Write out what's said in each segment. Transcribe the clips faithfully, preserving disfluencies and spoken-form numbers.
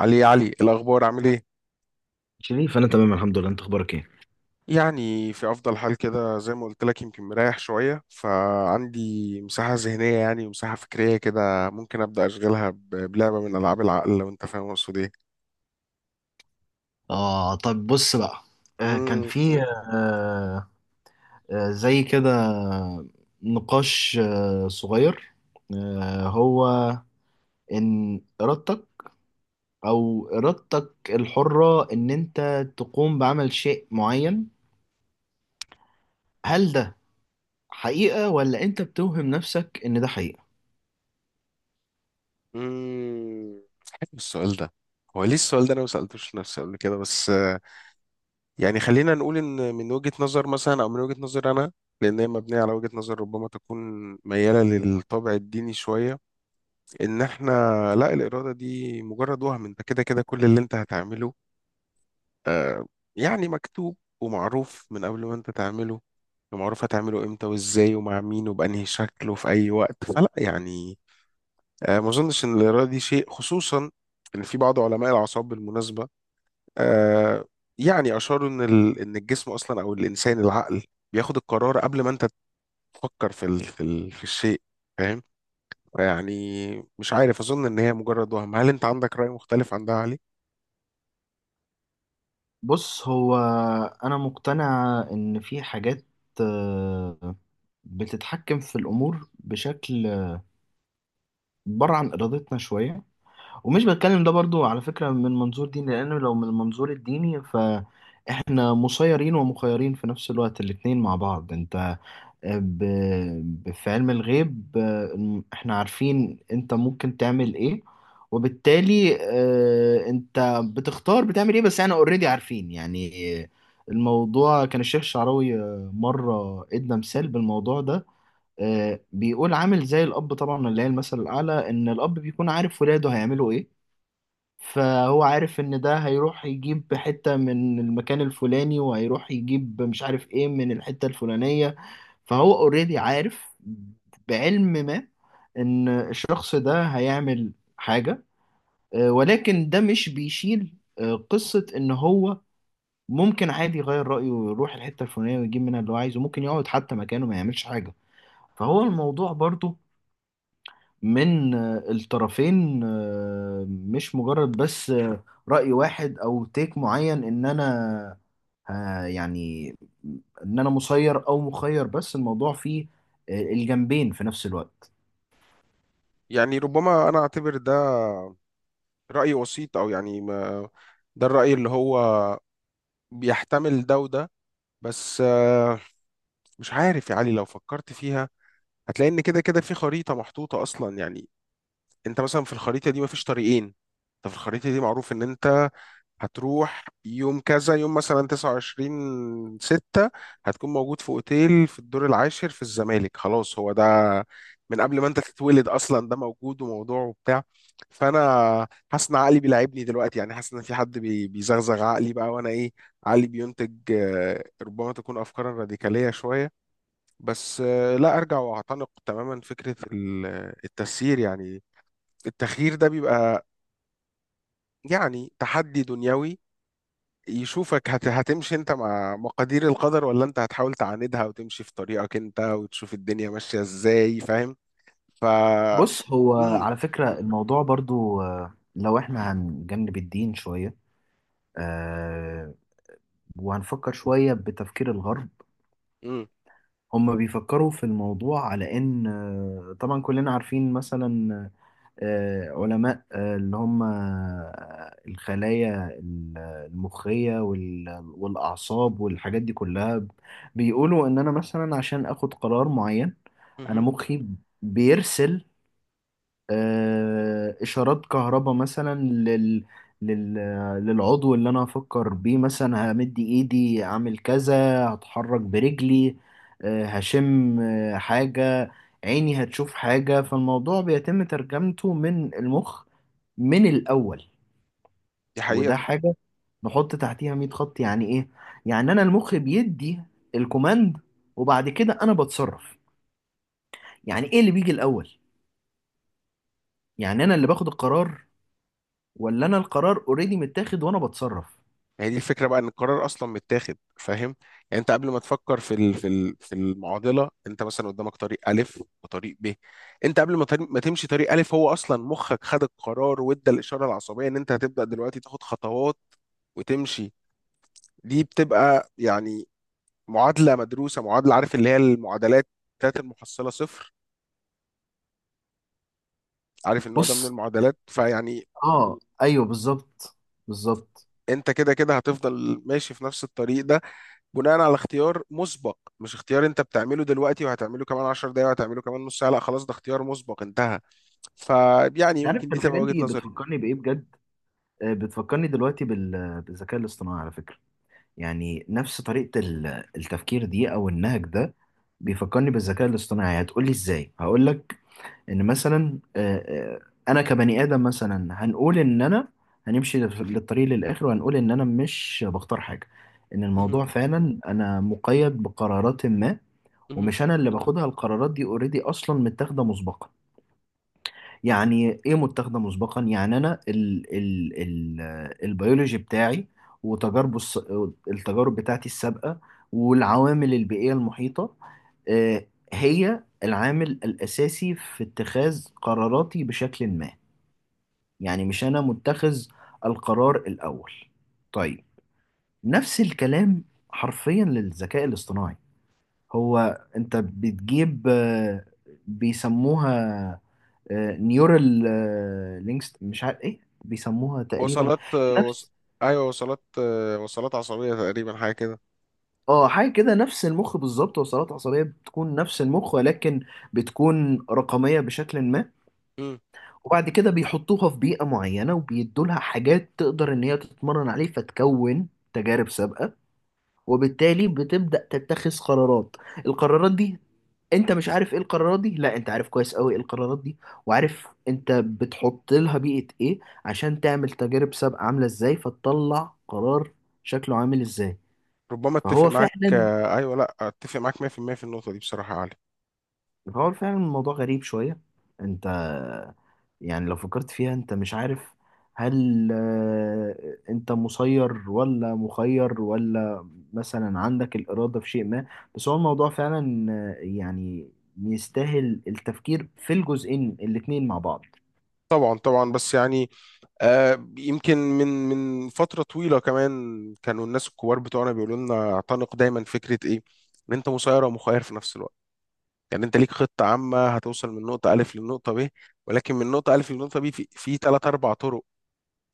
علي علي، الأخبار عامل إيه؟ شريف، انا تمام الحمد لله، انت اخبارك ايه؟ يعني في أفضل حال كده، زي ما قلت لك، يمكن مريح شوية، فعندي مساحة ذهنية يعني، ومساحة فكرية كده ممكن أبدأ أشغلها ب- بلعبة من ألعاب العقل، لو أنت فاهم أقصد إيه؟ آه، طب بص بقى. آه كان مم، في قول. آه. آه زي كده. نقاش آه صغير. آه هو إن إرادتك أو إرادتك الحرة إن أنت تقوم بعمل شيء معين، هل ده حقيقة ولا أنت بتوهم نفسك إن ده حقيقة؟ مم. حلو السؤال ده. هو ليه السؤال ده أنا ما سألتوش نفسي قبل كده، بس آه، يعني خلينا نقول إن من وجهة نظر مثلا، أو من وجهة نظر أنا، لأن هي مبنية على وجهة نظر ربما تكون ميالة للطابع الديني شوية. ان احنا، لا، الاراده دي مجرد وهم، انت كده كده كل اللي انت هتعمله. آه يعني مكتوب ومعروف من قبل ما انت تعمله، ومعروف هتعمله امتى وازاي ومع مين وبانهي شكل وفي اي وقت، فلا يعني آه ما اظنش ان الاراده دي شيء. خصوصا ان في بعض علماء الاعصاب بالمناسبه، آه يعني اشاروا ان ال- ان الجسم اصلا، او الانسان، العقل بياخد القرار قبل ما انت تفكر في ال في, ال في الشيء يعني. مش عارف، أظن إن هي مجرد وهم. هل أنت عندك رأي مختلف عن ده، علي؟ بص، هو أنا مقتنع إن في حاجات آه بتتحكم في الأمور بشكل بره عن إرادتنا شوية. ومش بتكلم ده برضو على فكرة من منظور ديني، لأنه لو من المنظور الديني فإحنا مسيرين ومخيرين في نفس الوقت الاتنين مع بعض. أنت آه، ب... ب- في علم الغيب، آه، إحنا عارفين أنت ممكن تعمل إيه، وبالتالي آه، أنت بتختار بتعمل إيه، بس إحنا أوريدي عارفين يعني. آه، الموضوع كان الشيخ الشعراوي آه، مرة إدى مثال بالموضوع ده. آه، بيقول عامل زي الأب، طبعا اللي هي المثل الأعلى، إن الأب بيكون عارف ولاده هيعملوا إيه. فهو عارف ان ده هيروح يجيب حتة من المكان الفلاني، وهيروح يجيب مش عارف ايه من الحتة الفلانية. فهو اوريدي عارف بعلم ما ان الشخص ده هيعمل حاجة، آه، ولكن ده مش بيشيل آه، قصة ان هو ممكن عادي يغير رأيه ويروح الحتة الفلانية ويجيب منها اللي هو عايزه، ممكن يقعد حتى مكانه ما يعملش حاجة. فهو الموضوع برضو من آه، الطرفين، آه، مش مجرد بس آه، رأي واحد او تيك معين، ان انا آه، يعني ان انا مسير او مخير، بس الموضوع فيه آه، الجنبين في نفس الوقت. يعني ربما أنا أعتبر ده رأي وسيط، أو يعني ما، ده الرأي اللي هو بيحتمل ده وده. بس آه، مش عارف يا علي، لو فكرت فيها هتلاقي إن كده كده في خريطة محطوطة أصلا يعني. انت مثلا في الخريطه دي مفيش طريقين، انت في الخريطه دي معروف ان انت هتروح يوم كذا، يوم مثلا تسعة وعشرين ستة هتكون موجود في اوتيل في الدور العاشر في الزمالك. خلاص، هو ده من قبل ما انت تتولد اصلا ده موجود وموضوع وبتاع. فانا حاسس ان عقلي بيلعبني دلوقتي، يعني حاسس ان في حد بي- بيزغزغ عقلي بقى، وانا ايه، عقلي بينتج آه، ربما تكون افكارا راديكاليه شويه. بس آه، لا ارجع واعتنق تماما فكره ال- التسيير يعني. التخيير ده بيبقى يعني تحدي دنيوي يشوفك هت... هتمشي انت مع مقادير القدر، ولا انت هتحاول تعاندها وتمشي في طريقك انت وتشوف الدنيا ماشية ازاي، فاهم؟ ف بص، هو امم. على فكرة الموضوع برضو آه، لو احنا هنجنب الدين شوية آه، وهنفكر شوية بتفكير الغرب. امم. هم بيفكروا في الموضوع على ان آه، طبعا كلنا عارفين مثلا آه، علماء آه، اللي هم آه، الخلايا ال- المخية وال- والأعصاب والحاجات دي كلها. بيقولوا إن أنا مثلا عشان آخد قرار معين، أنا مهم. مخي بيرسل آه، اشارات كهرباء مثلا لل... لل... للعضو اللي انا هفكر بيه، مثلا همد ايدي اعمل كذا، هتحرك برجلي، آه، هشم آه، حاجة، عيني هتشوف حاجة. فالموضوع بيتم ترجمته من المخ من الاول. دي وده حقيقة. حاجة نحط تحتيها مية خط. يعني ايه؟ يعني انا المخ بيدي الكوماند وبعد كده انا بتصرف. يعني ايه اللي بيجي الاول؟ يعني انا اللي باخد القرار، ولا انا القرار اوريدي متاخد وانا بتصرف؟ يعني دي الفكرة بقى، ان القرار اصلا متاخد، فاهم؟ يعني انت قبل ما تفكر في ال... في ال... في المعضلة، انت مثلا قدامك طريق الف وطريق ب، انت قبل ما تر- ما تمشي طريق الف، هو اصلا مخك خد القرار وادى الاشارة العصبية ان انت هتبدأ دلوقتي تاخد خطوات وتمشي. دي بتبقى يعني معادلة مدروسة، معادلة عارف اللي هي المعادلات بتاعت المحصلة صفر، عارف النوع ده من بص، المعادلات، فيعني اه ايوه بالظبط. بالظبط. انت كده كده هتفضل ماشي في نفس الطريق ده بناء على اختيار مسبق، مش اختيار انت بتعمله دلوقتي وهتعمله كمان عشر دقايق وهتعمله كمان نص ساعة. لا، خلاص، ده اختيار مسبق انتهى. فيعني انت يمكن عارف دي تبقى الحاجات وجهة دي نظري. بتفكرني بايه بجد؟ آه، بتفكرني دلوقتي بال- بالذكاء الاصطناعي على فكره. يعني نفس طريقه ال- التفكير دي او النهج ده بيفكرني بالذكاء الاصطناعي. هتقولي ازاي؟ هقول لك. ان مثلا آه، آه، انا كبني ادم مثلا، هنقول ان انا هنمشي لف- للطريق للاخر، وهنقول ان انا مش بختار حاجه، ان مهم. الموضوع فعلا انا مقيد بقرارات ما، مهم. ومش انا اللي باخدها. القرارات دي اوريدي اصلا متاخده مسبقا. يعني ايه متاخده مسبقا؟ يعني انا ال ال ال البيولوجي بتاعي، وتجاربه الس- التجارب بتاعتي السابقه، والعوامل البيئيه المحيطه، آه، هي العامل الاساسي في اتخاذ قراراتي بشكل ما. يعني مش انا متخذ القرار الاول. طيب، نفس الكلام حرفيا للذكاء الاصطناعي. هو انت بتجيب آه، بيسموها نيورال لينكس، مش عارف ايه بيسموها تقريبا. وصلات، وص... نفس، ايوه وصلات، وصلات عصبية تقريبا، حاجة كده. اه، حاجه كده. نفس المخ بالظبط. وصلات عصبيه بتكون نفس المخ، ولكن بتكون رقميه بشكل ما. مم. وبعد كده بيحطوها في بيئه معينه، وبيدوا لها حاجات تقدر ان هي تتمرن عليه، فتكون تجارب سابقه، وبالتالي بتبدأ تتخذ قرارات. القرارات دي انت مش عارف ايه القرارات دي، لا، انت عارف كويس قوي ايه القرارات دي، وعارف انت بتحط لها بيئة ايه عشان تعمل تجارب سابقة عاملة ازاي، فتطلع قرار شكله عامل ازاي. ربما اتفق فهو معاك. فعلا ايوه، لا، اتفق معاك مية في المية في المية في النقطة دي، بصراحة يا علي. هو فعلا الموضوع غريب شوية. انت يعني لو فكرت فيها انت مش عارف هل آه، انت مسير ولا مخير، ولا مثلا عندك الإرادة في شيء ما. بس هو الموضوع فعلا آه، يعني يستاهل التفكير في الجزئين الاتنين مع بعض. طبعا طبعا، بس يعني آه يمكن من من فترة طويلة كمان، كانوا الناس الكبار بتوعنا بيقولوا لنا اعتنق دايما فكرة ايه، ان انت مسير ومخير في نفس الوقت. يعني انت ليك خطة عامة هتوصل من نقطة ألف للنقطة ب، ولكن من نقطة ألف للنقطة ب في في تلات أربع طرق،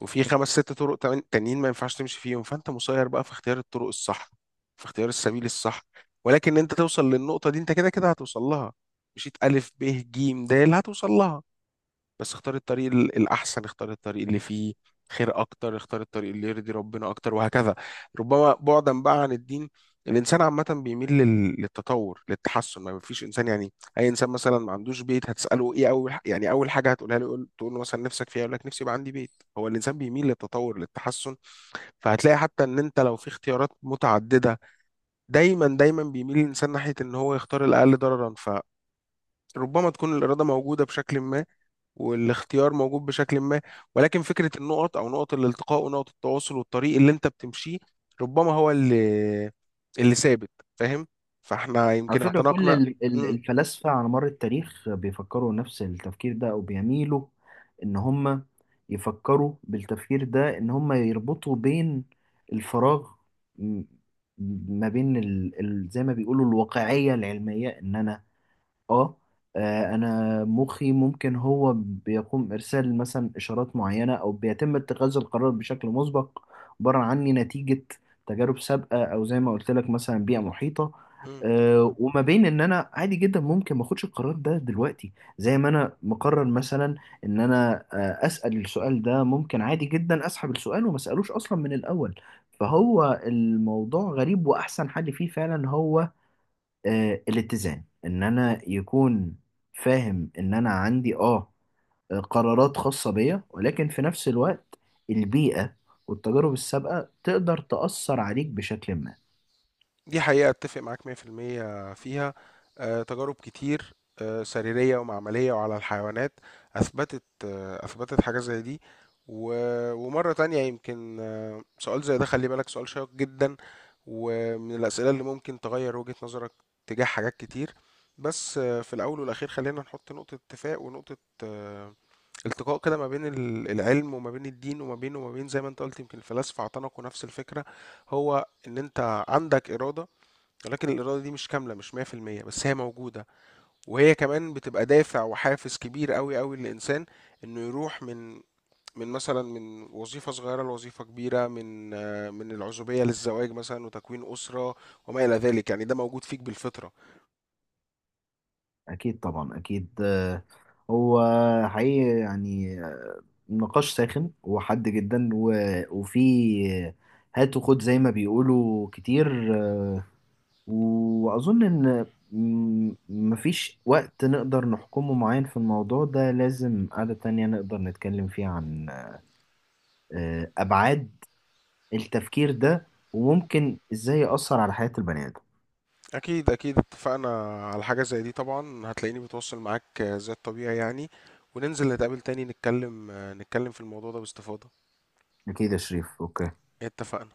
وفي خمس ست طرق تمان- تانيين ما ينفعش تمشي فيهم. فانت مسير بقى في اختيار الطرق الصح، في اختيار السبيل الصح. ولكن انت توصل للنقطة دي، انت كده كده هتوصل لها، مشيت ألف ب ج د هتوصل لها. بس اختار الطريق ال- الأحسن، اختار الطريق اللي فيه خير أكتر، اختار الطريق اللي يرضي ربنا أكتر وهكذا. ربما بعدا بقى عن الدين، الإنسان عامة بيميل لل- للتطور للتحسن. ما فيش إنسان يعني، أي إنسان مثلا ما عندوش بيت هتسأله إيه أول ح- يعني أول حاجة هتقولها له، يقول- تقول له مثلا نفسك فيها، يقول لك نفسي يبقى عندي بيت. هو الإنسان بيميل للتطور للتحسن، فهتلاقي حتى إن أنت لو في اختيارات متعددة دايما دايما بيميل الإنسان ناحية إن هو يختار الأقل ضررا. فربما تكون الإرادة موجودة بشكل ما، والاختيار موجود بشكل ما، ولكن فكرة النقط أو نقط الالتقاء ونقط التواصل والطريق اللي أنت بتمشيه ربما هو اللي اللي ثابت. فاهم؟ فاحنا على يمكن فكرة، كل اعتنقنا. ال- ال- مم. الفلاسفة على مر التاريخ بيفكروا نفس التفكير ده، أو بيميلوا إن هم يفكروا بالتفكير ده، إن هم يربطوا بين الفراغ م- ما بين ال... ال... زي ما بيقولوا الواقعية العلمية. إن أنا اه آه، انا مخي ممكن هو بيقوم ارسال مثلا اشارات معينه، او بيتم اتخاذ القرار بشكل مسبق، عباره عني نتيجه تجارب سابقه، او زي ما قلت لك مثلا بيئه محيطه. مم. آه، وما بين ان انا عادي جدا ممكن ما اخدش القرار ده دلوقتي. زي ما انا مقرر مثلا ان انا آه، اسال السؤال ده، ممكن عادي جدا اسحب السؤال وما اسالوش اصلا من الاول. فهو الموضوع غريب، واحسن حل فيه فعلا هو آه، الاتزان، ان انا يكون فاهم ان انا عندي اه آه، قرارات خاصة بيا، ولكن في نفس الوقت البيئة والتجارب السابقة تقدر تأثر عليك بشكل ما. دي حقيقة، اتفق معاك مئة في المئة فيها. آه، تجارب كتير آه، سريرية ومعملية وعلى الحيوانات أثبتت، آه، أثبتت حاجة زي دي. و- ومرة تانية، يمكن آه، سؤال زي ده، خلي بالك، سؤال شيق جدا ومن الأسئلة اللي ممكن تغير وجهة نظرك تجاه حاجات كتير. بس آه، في الأول والأخير خلينا نحط نقطة اتفاق ونقطة آه، التقاء كده، ما بين ال- العلم وما بين الدين، وما بين وما بين زي ما انت قلت يمكن الفلاسفة اعتنقوا نفس الفكرة، هو ان انت عندك إرادة، ولكن الإرادة دي مش كاملة، مش مية في المية، بس هي موجودة، وهي كمان بتبقى دافع وحافز كبير قوي قوي للإنسان إنه يروح من من مثلا من وظيفة صغيرة لوظيفة كبيرة، من آه، من العزوبية للزواج مثلا وتكوين أسرة وما إلى ذلك يعني، ده موجود فيك بالفطرة. اكيد طبعا اكيد. آه، هو حقيقي يعني نقاش ساخن وحاد جدا، و- وفي هات وخد زي ما بيقولوا كتير. آه، وأظن إن م- مفيش وقت نقدر نحكمه معين في الموضوع ده. لازم قعدة تانية نقدر نتكلم فيها عن آه، أبعاد التفكير ده وممكن إزاي يأثر على حياة البني آدم. أكيد أكيد اتفقنا على حاجة زي دي طبعا، هتلاقيني بتواصل معاك آه، زي الطبيعي يعني. وننزل نتقابل تاني، نتكلم، آه، نتكلم في الموضوع ده باستفاضة. أكيد يا شريف، أوكي. اتفقنا.